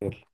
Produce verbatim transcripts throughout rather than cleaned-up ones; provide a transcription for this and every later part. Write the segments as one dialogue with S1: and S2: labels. S1: خير.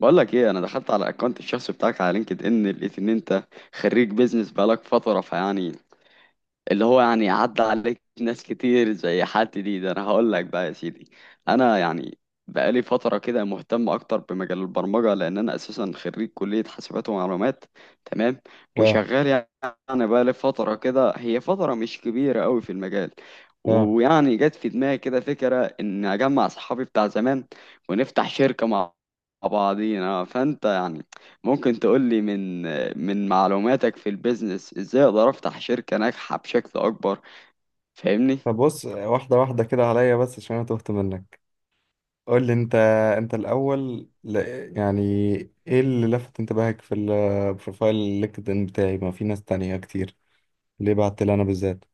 S2: بقول لك ايه، انا دخلت على الاكونت الشخصي بتاعك على لينكد ان، لقيت ان انت خريج بيزنس بقالك فتره، فيعني اللي هو يعني عدى عليك ناس كتير زي حالتي دي. ده انا هقول لك بقى يا سيدي، انا يعني بقالي فتره كده مهتم اكتر بمجال البرمجه، لان انا اساسا خريج كليه حاسبات ومعلومات. تمام.
S1: لا
S2: وشغال يعني بقالي فتره كده، هي فتره مش كبيره قوي في المجال.
S1: لا
S2: ويعني جت في دماغي كده فكره ان اجمع صحابي بتاع زمان ونفتح شركه مع بعضينا. فانت يعني ممكن تقولي من من معلوماتك في البيزنس، ازاي اقدر افتح شركة ناجحة بشكل اكبر؟ فاهمني؟
S1: طب بص، واحدة واحدة كده عليا بس عشان أنا تهت منك. قول لي أنت أنت الأول ل... يعني، إيه اللي لفت انتباهك في البروفايل اللينكدإن بتاعي؟ ما في ناس تانية كتير، ليه بعت لي أنا بالذات؟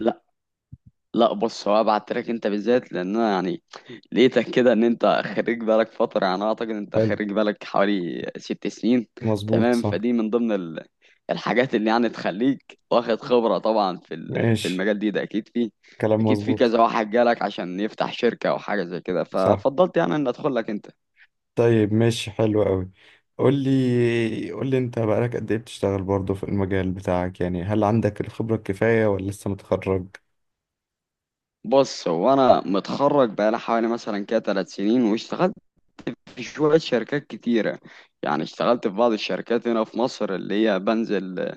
S2: لا، لا، بص، هو ابعت لك انت بالذات لان انا يعني لقيتك كده ان انت خريج بالك فترة. يعني اعتقد انت
S1: حلو.
S2: خريج بالك حوالي ست سنين.
S1: مظبوط،
S2: تمام.
S1: صح.
S2: فدي من ضمن ال- الحاجات اللي يعني تخليك واخد خبرة طبعا في ال- في
S1: ماشي،
S2: المجال دي ده، اكيد فيه،
S1: كلام
S2: اكيد في
S1: مظبوط.
S2: كذا واحد جالك عشان يفتح شركة او حاجة زي كده.
S1: صح.
S2: ففضلت يعني ان ادخل لك انت.
S1: طيب، ماشي، حلو قوي. قول لي قول لي أنت، بقالك قد إيه بتشتغل برضه في المجال بتاعك؟ يعني هل عندك الخبرة الكفاية ولا لسه متخرج؟
S2: بص هو انا متخرج بقالي حوالي مثلا كده ثلاث سنين، واشتغلت في شويه شركات كتيره. يعني اشتغلت في بعض الشركات هنا في مصر، اللي هي بنزل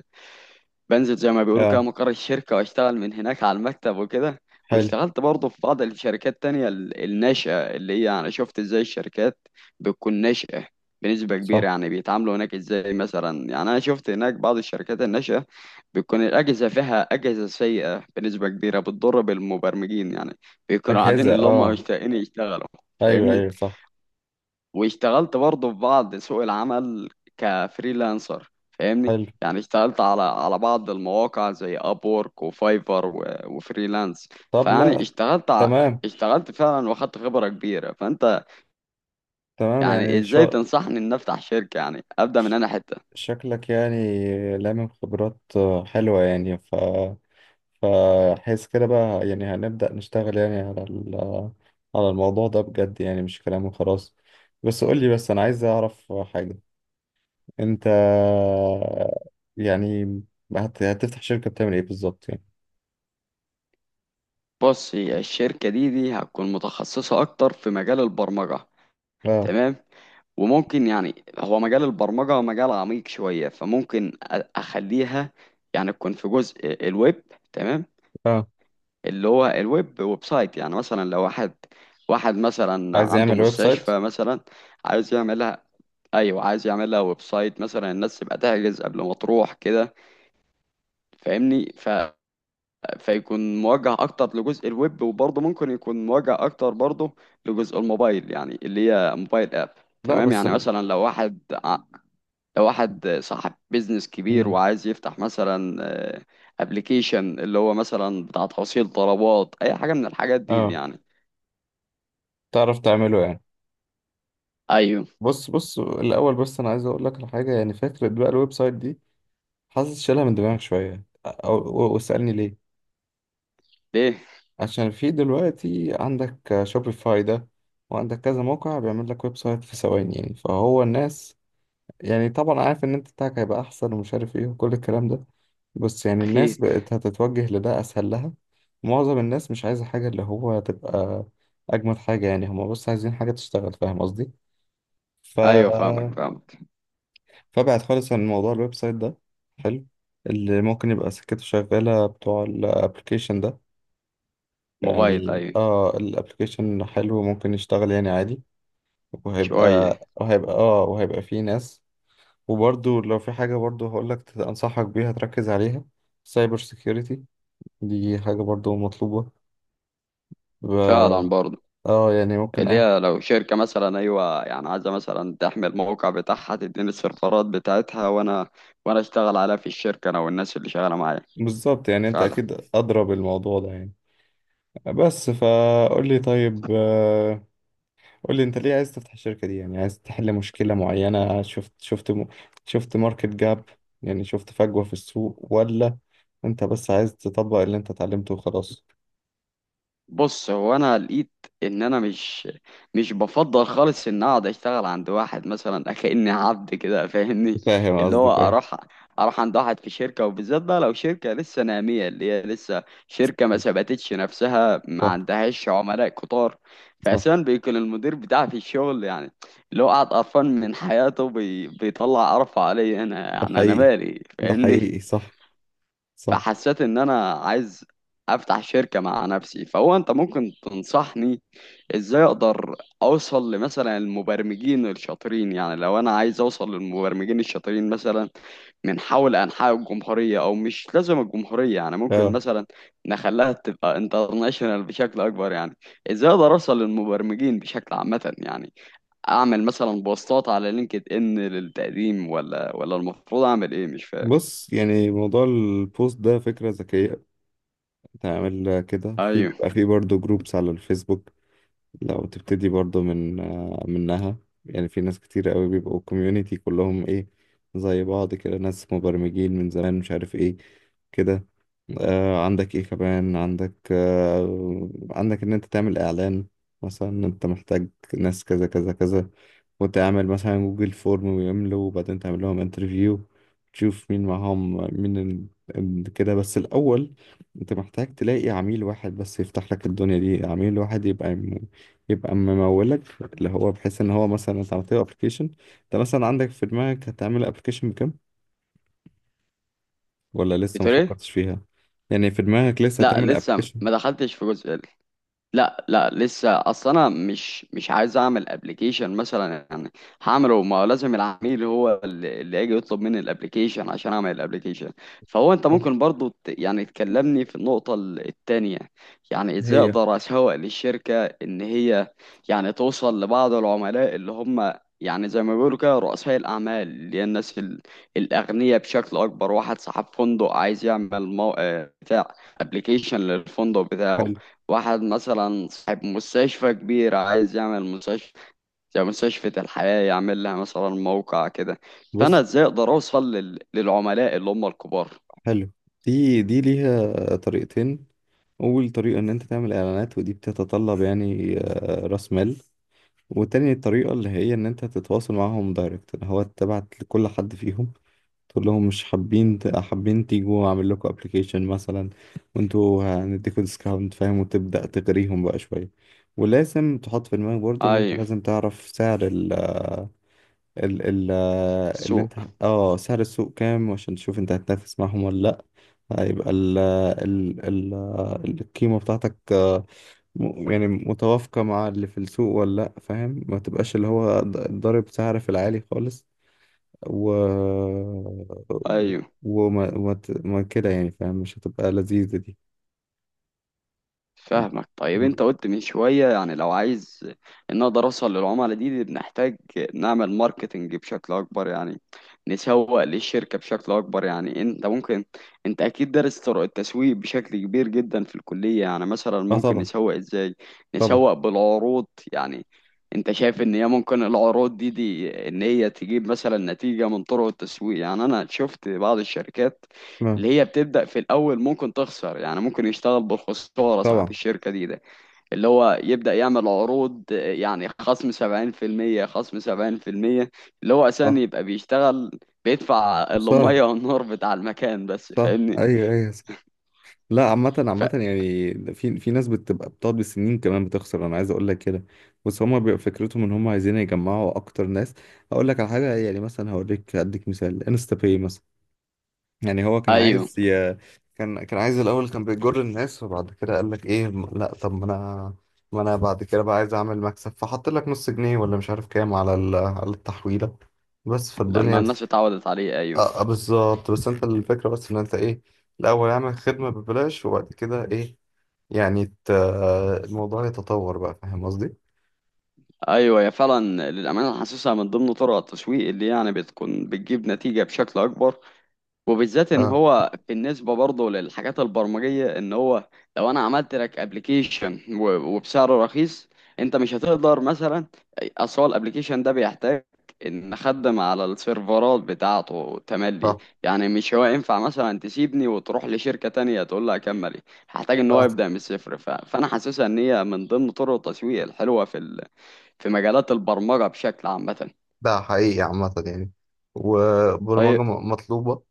S2: بنزل زي ما بيقولوا كده
S1: آه.
S2: مقر الشركة، واشتغل من هناك على المكتب وكده.
S1: حلو.
S2: واشتغلت برضه في بعض الشركات تانية ال- الناشئة، اللي هي أنا شفت ازاي الشركات بتكون ناشئة بنسبة كبيرة.
S1: صح.
S2: يعني بيتعاملوا هناك ازاي، مثلا يعني أنا شفت هناك بعض الشركات الناشئة بتكون الأجهزة فيها أجهزة سيئة بنسبة كبيرة، بتضر بالمبرمجين، يعني بيكونوا قاعدين
S1: أجهزة،
S2: اللي هم
S1: آه.
S2: مشتاقين يشتغلوا.
S1: ايوه
S2: فاهمني؟
S1: ايوه، صح.
S2: واشتغلت برضه في بعض سوق العمل كفريلانسر، فاهمني؟
S1: حلو.
S2: يعني اشتغلت على على بعض المواقع زي ابورك وفايفر و- وفريلانس،
S1: طب
S2: فيعني
S1: لا.
S2: اشتغلت ع-
S1: تمام.
S2: اشتغلت فعلا واخدت خبرة كبيرة. فانت
S1: تمام
S2: يعني
S1: يعني
S2: ازاي
S1: شا...
S2: تنصحني ان افتح شركة؟ يعني ابدا من
S1: ش-
S2: انا حتة؟
S1: شكلك يعني لامم خبرات، آه، حلوة يعني. ف فحس كده بقى، يعني هنبدأ نشتغل يعني على ال... على الموضوع ده بجد يعني، مش كلام وخلاص. بس قول لي، بس انا عايز اعرف حاجة. انت يعني هت... هتفتح شركة بتعمل ايه بالظبط يعني؟
S2: بص، هي الشركة دي دي هتكون متخصصة اكتر في مجال البرمجة.
S1: اه.
S2: تمام. وممكن يعني هو مجال البرمجة مجال عميق شوية، فممكن أ- اخليها يعني تكون في جزء الويب. تمام.
S1: اه.
S2: اللي هو الويب، ويب سايت. يعني مثلا لو واحد واحد مثلا
S1: عايز
S2: عنده
S1: يعمل ويب سايت.
S2: مستشفى مثلا عايز يعملها. ايوه، عايز يعملها ويب سايت، مثلا الناس تبقى تحجز قبل ما تروح كده. فاهمني؟ ف... فيكون موجه اكتر لجزء الويب، وبرضه ممكن يكون موجه اكتر برضه لجزء الموبايل، يعني اللي هي موبايل اب.
S1: لا
S2: تمام.
S1: بس.
S2: يعني مثلا لو واحد ع- لو واحد صاحب بيزنس كبير
S1: مم.
S2: وعايز يفتح مثلا ابلكيشن، اللي هو مثلا بتاع توصيل طلبات اي حاجه من الحاجات دي
S1: اه.
S2: يعني.
S1: تعرف تعمله يعني؟
S2: ايوه.
S1: بص بص الأول بس، أنا عايز أقول لك على حاجة. يعني فكرة بقى الويب سايت دي، حاسس شيلها من دماغك شوية، أو و- واسألني ليه.
S2: ليه؟
S1: عشان في دلوقتي عندك شوبيفاي ده، وعندك كذا موقع بيعمل لك ويب سايت في ثواني يعني. فهو الناس يعني، طبعا عارف إن أنت بتاعك هيبقى أحسن ومش عارف إيه وكل الكلام ده، بس يعني الناس
S2: اكيد.
S1: بقت هتتوجه لده أسهل لها. معظم الناس مش عايزة حاجة اللي هو تبقى أجمل حاجة يعني، هما بس عايزين حاجة تشتغل. فاهم قصدي؟ ف
S2: ايوه، فاهمك
S1: مم.
S2: فاهمك.
S1: فابعد خالص عن موضوع الويب سايت ده. حلو. اللي ممكن يبقى سكته شغالة بتوع الابلكيشن ده.
S2: موبايل،
S1: يعني
S2: ايوه.
S1: اه، الابلكيشن حلو، ممكن يشتغل يعني عادي،
S2: شويه.
S1: وهيبقى وهيبقى اه، وهيبقى فيه ناس. وبرضو لو في حاجة برضو هقولك أنصحك بيها تركز عليها: سايبر سيكيورتي. دي حاجة برضو مطلوبة. ب-
S2: فعلا برضه.
S1: اه يعني ممكن
S2: اللي
S1: اي.
S2: هي لو شركه مثلا ايوه، يعني عايزه مثلا تحمل الموقع بتاعها، تديني السيرفرات بتاعتها، وانا وانا اشتغل عليها في الشركه، انا والناس اللي شغاله معايا.
S1: بالظبط، يعني انت
S2: فعلا.
S1: اكيد ادرى بالموضوع ده يعني. بس فقول لي طيب، آه، قول لي انت ليه عايز تفتح الشركة دي؟ يعني عايز تحل مشكلة معينة، شفت شفت م... شفت ماركت جاب؟ يعني شفت فجوة في السوق، ولا انت بس عايز تطبق اللي انت اتعلمته وخلاص؟
S2: بص هو انا لقيت ان انا مش مش بفضل خالص ان اقعد اشتغل عند واحد مثلا كأني عبد كده، فاهمني؟
S1: فاهم
S2: اللي هو
S1: قصدك ايه.
S2: اروح اروح عند واحد في شركه، وبالذات بقى لو شركه لسه ناميه، اللي هي لسه شركه ما ثبتتش نفسها، ما
S1: صح.
S2: عندهاش عملاء كتار.
S1: صح.
S2: فاساسا بيكون المدير بتاعي في الشغل، يعني اللي هو قاعد قرفان من حياته، بي... بيطلع قرفه عليا انا،
S1: ده
S2: يعني انا
S1: حقيقي.
S2: مالي؟
S1: ده
S2: فاهمني؟
S1: حقيقي، صح. صح.
S2: فحسيت ان انا عايز افتح شركة مع نفسي. فهو انت ممكن تنصحني ازاي اقدر اوصل لمثلا المبرمجين الشاطرين؟ يعني لو انا عايز اوصل للمبرمجين الشاطرين مثلا من حول انحاء الجمهورية، او مش لازم الجمهورية، يعني ممكن
S1: اه
S2: مثلا نخليها تبقى انترناشونال بشكل اكبر يعني. ازاي اقدر اوصل للمبرمجين بشكل عامة يعني؟ اعمل مثلا بوستات على لينكد ان للتقديم، ولا ولا المفروض اعمل ايه؟ مش فاهم.
S1: بص، يعني موضوع البوست ده فكرة ذكية. تعمل كده، في
S2: ايوه.
S1: بيبقى فيه برضه جروبس على الفيسبوك. لو تبتدي برضو من آه، منها. يعني في ناس كتير قوي بيبقوا كوميونيتي، كلهم ايه، زي بعض كده، ناس مبرمجين من زمان مش عارف ايه كده. آه، عندك ايه كمان، عندك آه، عندك ان انت تعمل اعلان مثلا إن انت محتاج ناس كذا كذا كذا، وتعمل مثلا جوجل فورم ويملوا، وبعدين تعمل لهم انترفيو تشوف مين معاهم، مين ال- ال- كده بس الاول. انت محتاج تلاقي عميل واحد بس يفتح لك الدنيا دي، عميل واحد يبقى يبقى ممولك، اللي هو بحيث ان هو مثلا انت عملت له ابلكيشن. انت مثلا عندك في دماغك هتعمل ابلكيشن بكام، ولا لسه ما
S2: بتقول ايه؟
S1: فكرتش فيها؟ يعني في دماغك لسه
S2: لا،
S1: هتعمل
S2: لسه
S1: ابلكيشن
S2: ما دخلتش في جزء ال- لا، لا، لسه، اصل انا مش مش عايز اعمل ابلكيشن مثلا، يعني هعمله، ما هو لازم العميل هو اللي اللي يجي يطلب مني الابلكيشن عشان اعمل الابلكيشن. فهو انت ممكن برضو ت- يعني تكلمني في النقطة ال- التانية. يعني ازاي
S1: هي.
S2: اقدر اسوق للشركة ان هي يعني توصل لبعض العملاء اللي هم يعني زي ما بيقولوا كده رؤساء الأعمال، اللي هي الناس ال- الأغنياء بشكل أكبر. واحد صاحب فندق عايز يعمل مو... آه، بتاع ابلكيشن للفندق بتاعه.
S1: حلو.
S2: واحد مثلا صاحب مستشفى كبير عايز يعمل مستشفى زي مستشفى الحياة، يعمل لها مثلا موقع كده. فأنا
S1: بص،
S2: ازاي أقدر أوصل لل... للعملاء اللي هم الكبار؟
S1: حلو. دي دي ليها طريقتين. اول طريقه ان انت تعمل اعلانات، ودي بتتطلب يعني آه، راس مال. وتاني الطريقه اللي هي ان انت تتواصل معاهم دايركت، اللي هو تبعت لكل حد فيهم تقول لهم مش حابين ت- حابين تيجوا اعمل لكم ابلكيشن مثلا وانتوا هنديكوا ديسكاونت، فاهم، وتبدأ تغريهم بقى شوية. ولازم تحط في دماغك برضو ان انت
S2: أيوه.
S1: لازم تعرف سعر ال ال ال اللي
S2: السوق.
S1: انت، اه، سعر السوق كام، عشان تشوف انت هتنافس معاهم ولا لا. هيبقى ال ال ال القيمة بتاعتك آه، م- يعني متوافقة مع اللي في السوق ولا لا، فاهم؟ ما تبقاش اللي هو ض- ضارب سعر في العالي خالص، و
S2: أيوه،
S1: وما وما ت- ما كده يعني، فاهم، مش هتبقى لذيذة دي.
S2: فاهمك. طيب، انت قلت من شوية يعني لو عايز ان اقدر اوصل للعملاء دي، بنحتاج نعمل ماركتنج بشكل اكبر يعني، نسوق للشركة بشكل اكبر يعني. انت ممكن، انت اكيد دارس طرق التسويق بشكل كبير جدا في الكلية يعني، مثلا
S1: اه
S2: ممكن
S1: طبعا.
S2: نسوق ازاي؟
S1: طبعا.
S2: نسوق بالعروض يعني. انت شايف ان هي ممكن العروض دي دي ان هي تجيب مثلا نتيجة من طرق التسويق؟ يعني انا شفت بعض الشركات
S1: آه،
S2: اللي هي بتبدأ في الأول ممكن تخسر، يعني ممكن يشتغل بالخسارة صاحب
S1: طبعا.
S2: الشركة دي ده، اللي هو يبدأ يعمل عروض، آه، يعني خصم سبعين في المية خصم سبعين في المية، اللي هو أساسا
S1: صح.
S2: يبقى بيشتغل بيدفع
S1: خسارة.
S2: المية والنور بتاع المكان بس،
S1: صح
S2: فاهمني؟
S1: ايوه ايوه، صح. لا عامة، عامة
S2: ف...
S1: يعني في في ناس بتبقى بتقعد بالسنين كمان بتخسر، انا عايز اقول لك كده، بس هما بيبقى فكرتهم ان هما عايزين يجمعوا اكتر ناس. هقول لك على حاجة، يعني مثلا هوريك، اديك مثال، انستا باي مثلا. يعني هو كان
S2: أيوه،
S1: عايز ي... كان كان عايز الاول، كان بيجر الناس، وبعد كده قال لك ايه، م- لا طب ما انا، ما انا بعد كده بقى عايز اعمل مكسب فحط لك نص جنيه ولا مش عارف كام على ال... على التحويله بس.
S2: لما
S1: فالدنيا
S2: الناس اتعودت عليه. أيوه
S1: اه، آه، بالظبط. بس انت الفكره بس ان انت ايه، الاول اعمل خدمه ببلاش، وبعد كده ايه يعني ت... الموضوع يتطور بقى، فاهم قصدي؟
S2: أيوه يا، فعلا، للأمانة حاسسها من ضمن طرق التسويق اللي يعني بتكون بتجيب نتيجة بشكل أكبر، وبالذات ان
S1: اه.
S2: هو بالنسبه برضه للحاجات البرمجيه، ان هو لو انا عملت لك ابلكيشن وبسعر رخيص، انت مش هتقدر مثلا، اصل هو الابلكيشن ده بيحتاج ان اخدم على السيرفرات بتاعته تملي،
S1: اه.
S2: يعني مش هو ينفع مثلا تسيبني وتروح لشركه تانية تقول لها كملي، هحتاج ان هو
S1: اه.
S2: يبدا من الصفر. ف... فانا حاسسها ان هي من ضمن طرق التسويق الحلوه في ال... في مجالات البرمجه بشكل عامه.
S1: ده حقيقي عامة يعني.
S2: طيب.
S1: والبرمجة م- مطلوبة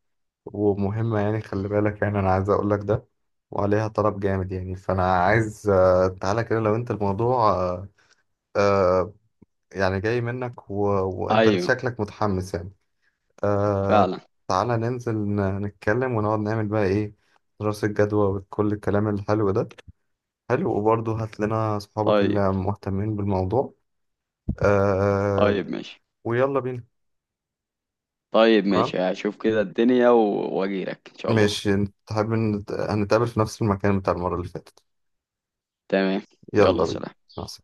S1: ومهمة يعني، خلي بالك يعني، أنا عايز أقول لك ده. وعليها طلب جامد يعني. فأنا عايز آه، تعالى كده، لو أنت الموضوع آه، آه، يعني جاي منك، و... وأنت
S2: ايوه
S1: شكلك متحمس يعني. آه،
S2: فعلا.
S1: تعالى ننزل ن- نتكلم ونقعد نعمل بقى إيه، دراسة جدوى وكل الكلام الحلو ده. حلو. وبرضه هات لنا أصحابك
S2: طيب.
S1: اللي مهتمين بالموضوع. آه، آه،
S2: طيب ماشي.
S1: ويلا بينا.
S2: طيب
S1: تمام.
S2: ماشي، هشوف كده الدنيا و- واجيلك ان شاء الله.
S1: ماشي، نت- حابب نت- هنتقابل في نفس المكان بتاع المرة اللي فاتت.
S2: تمام. يلا
S1: يلا بينا.
S2: سلام.
S1: مع السلامة.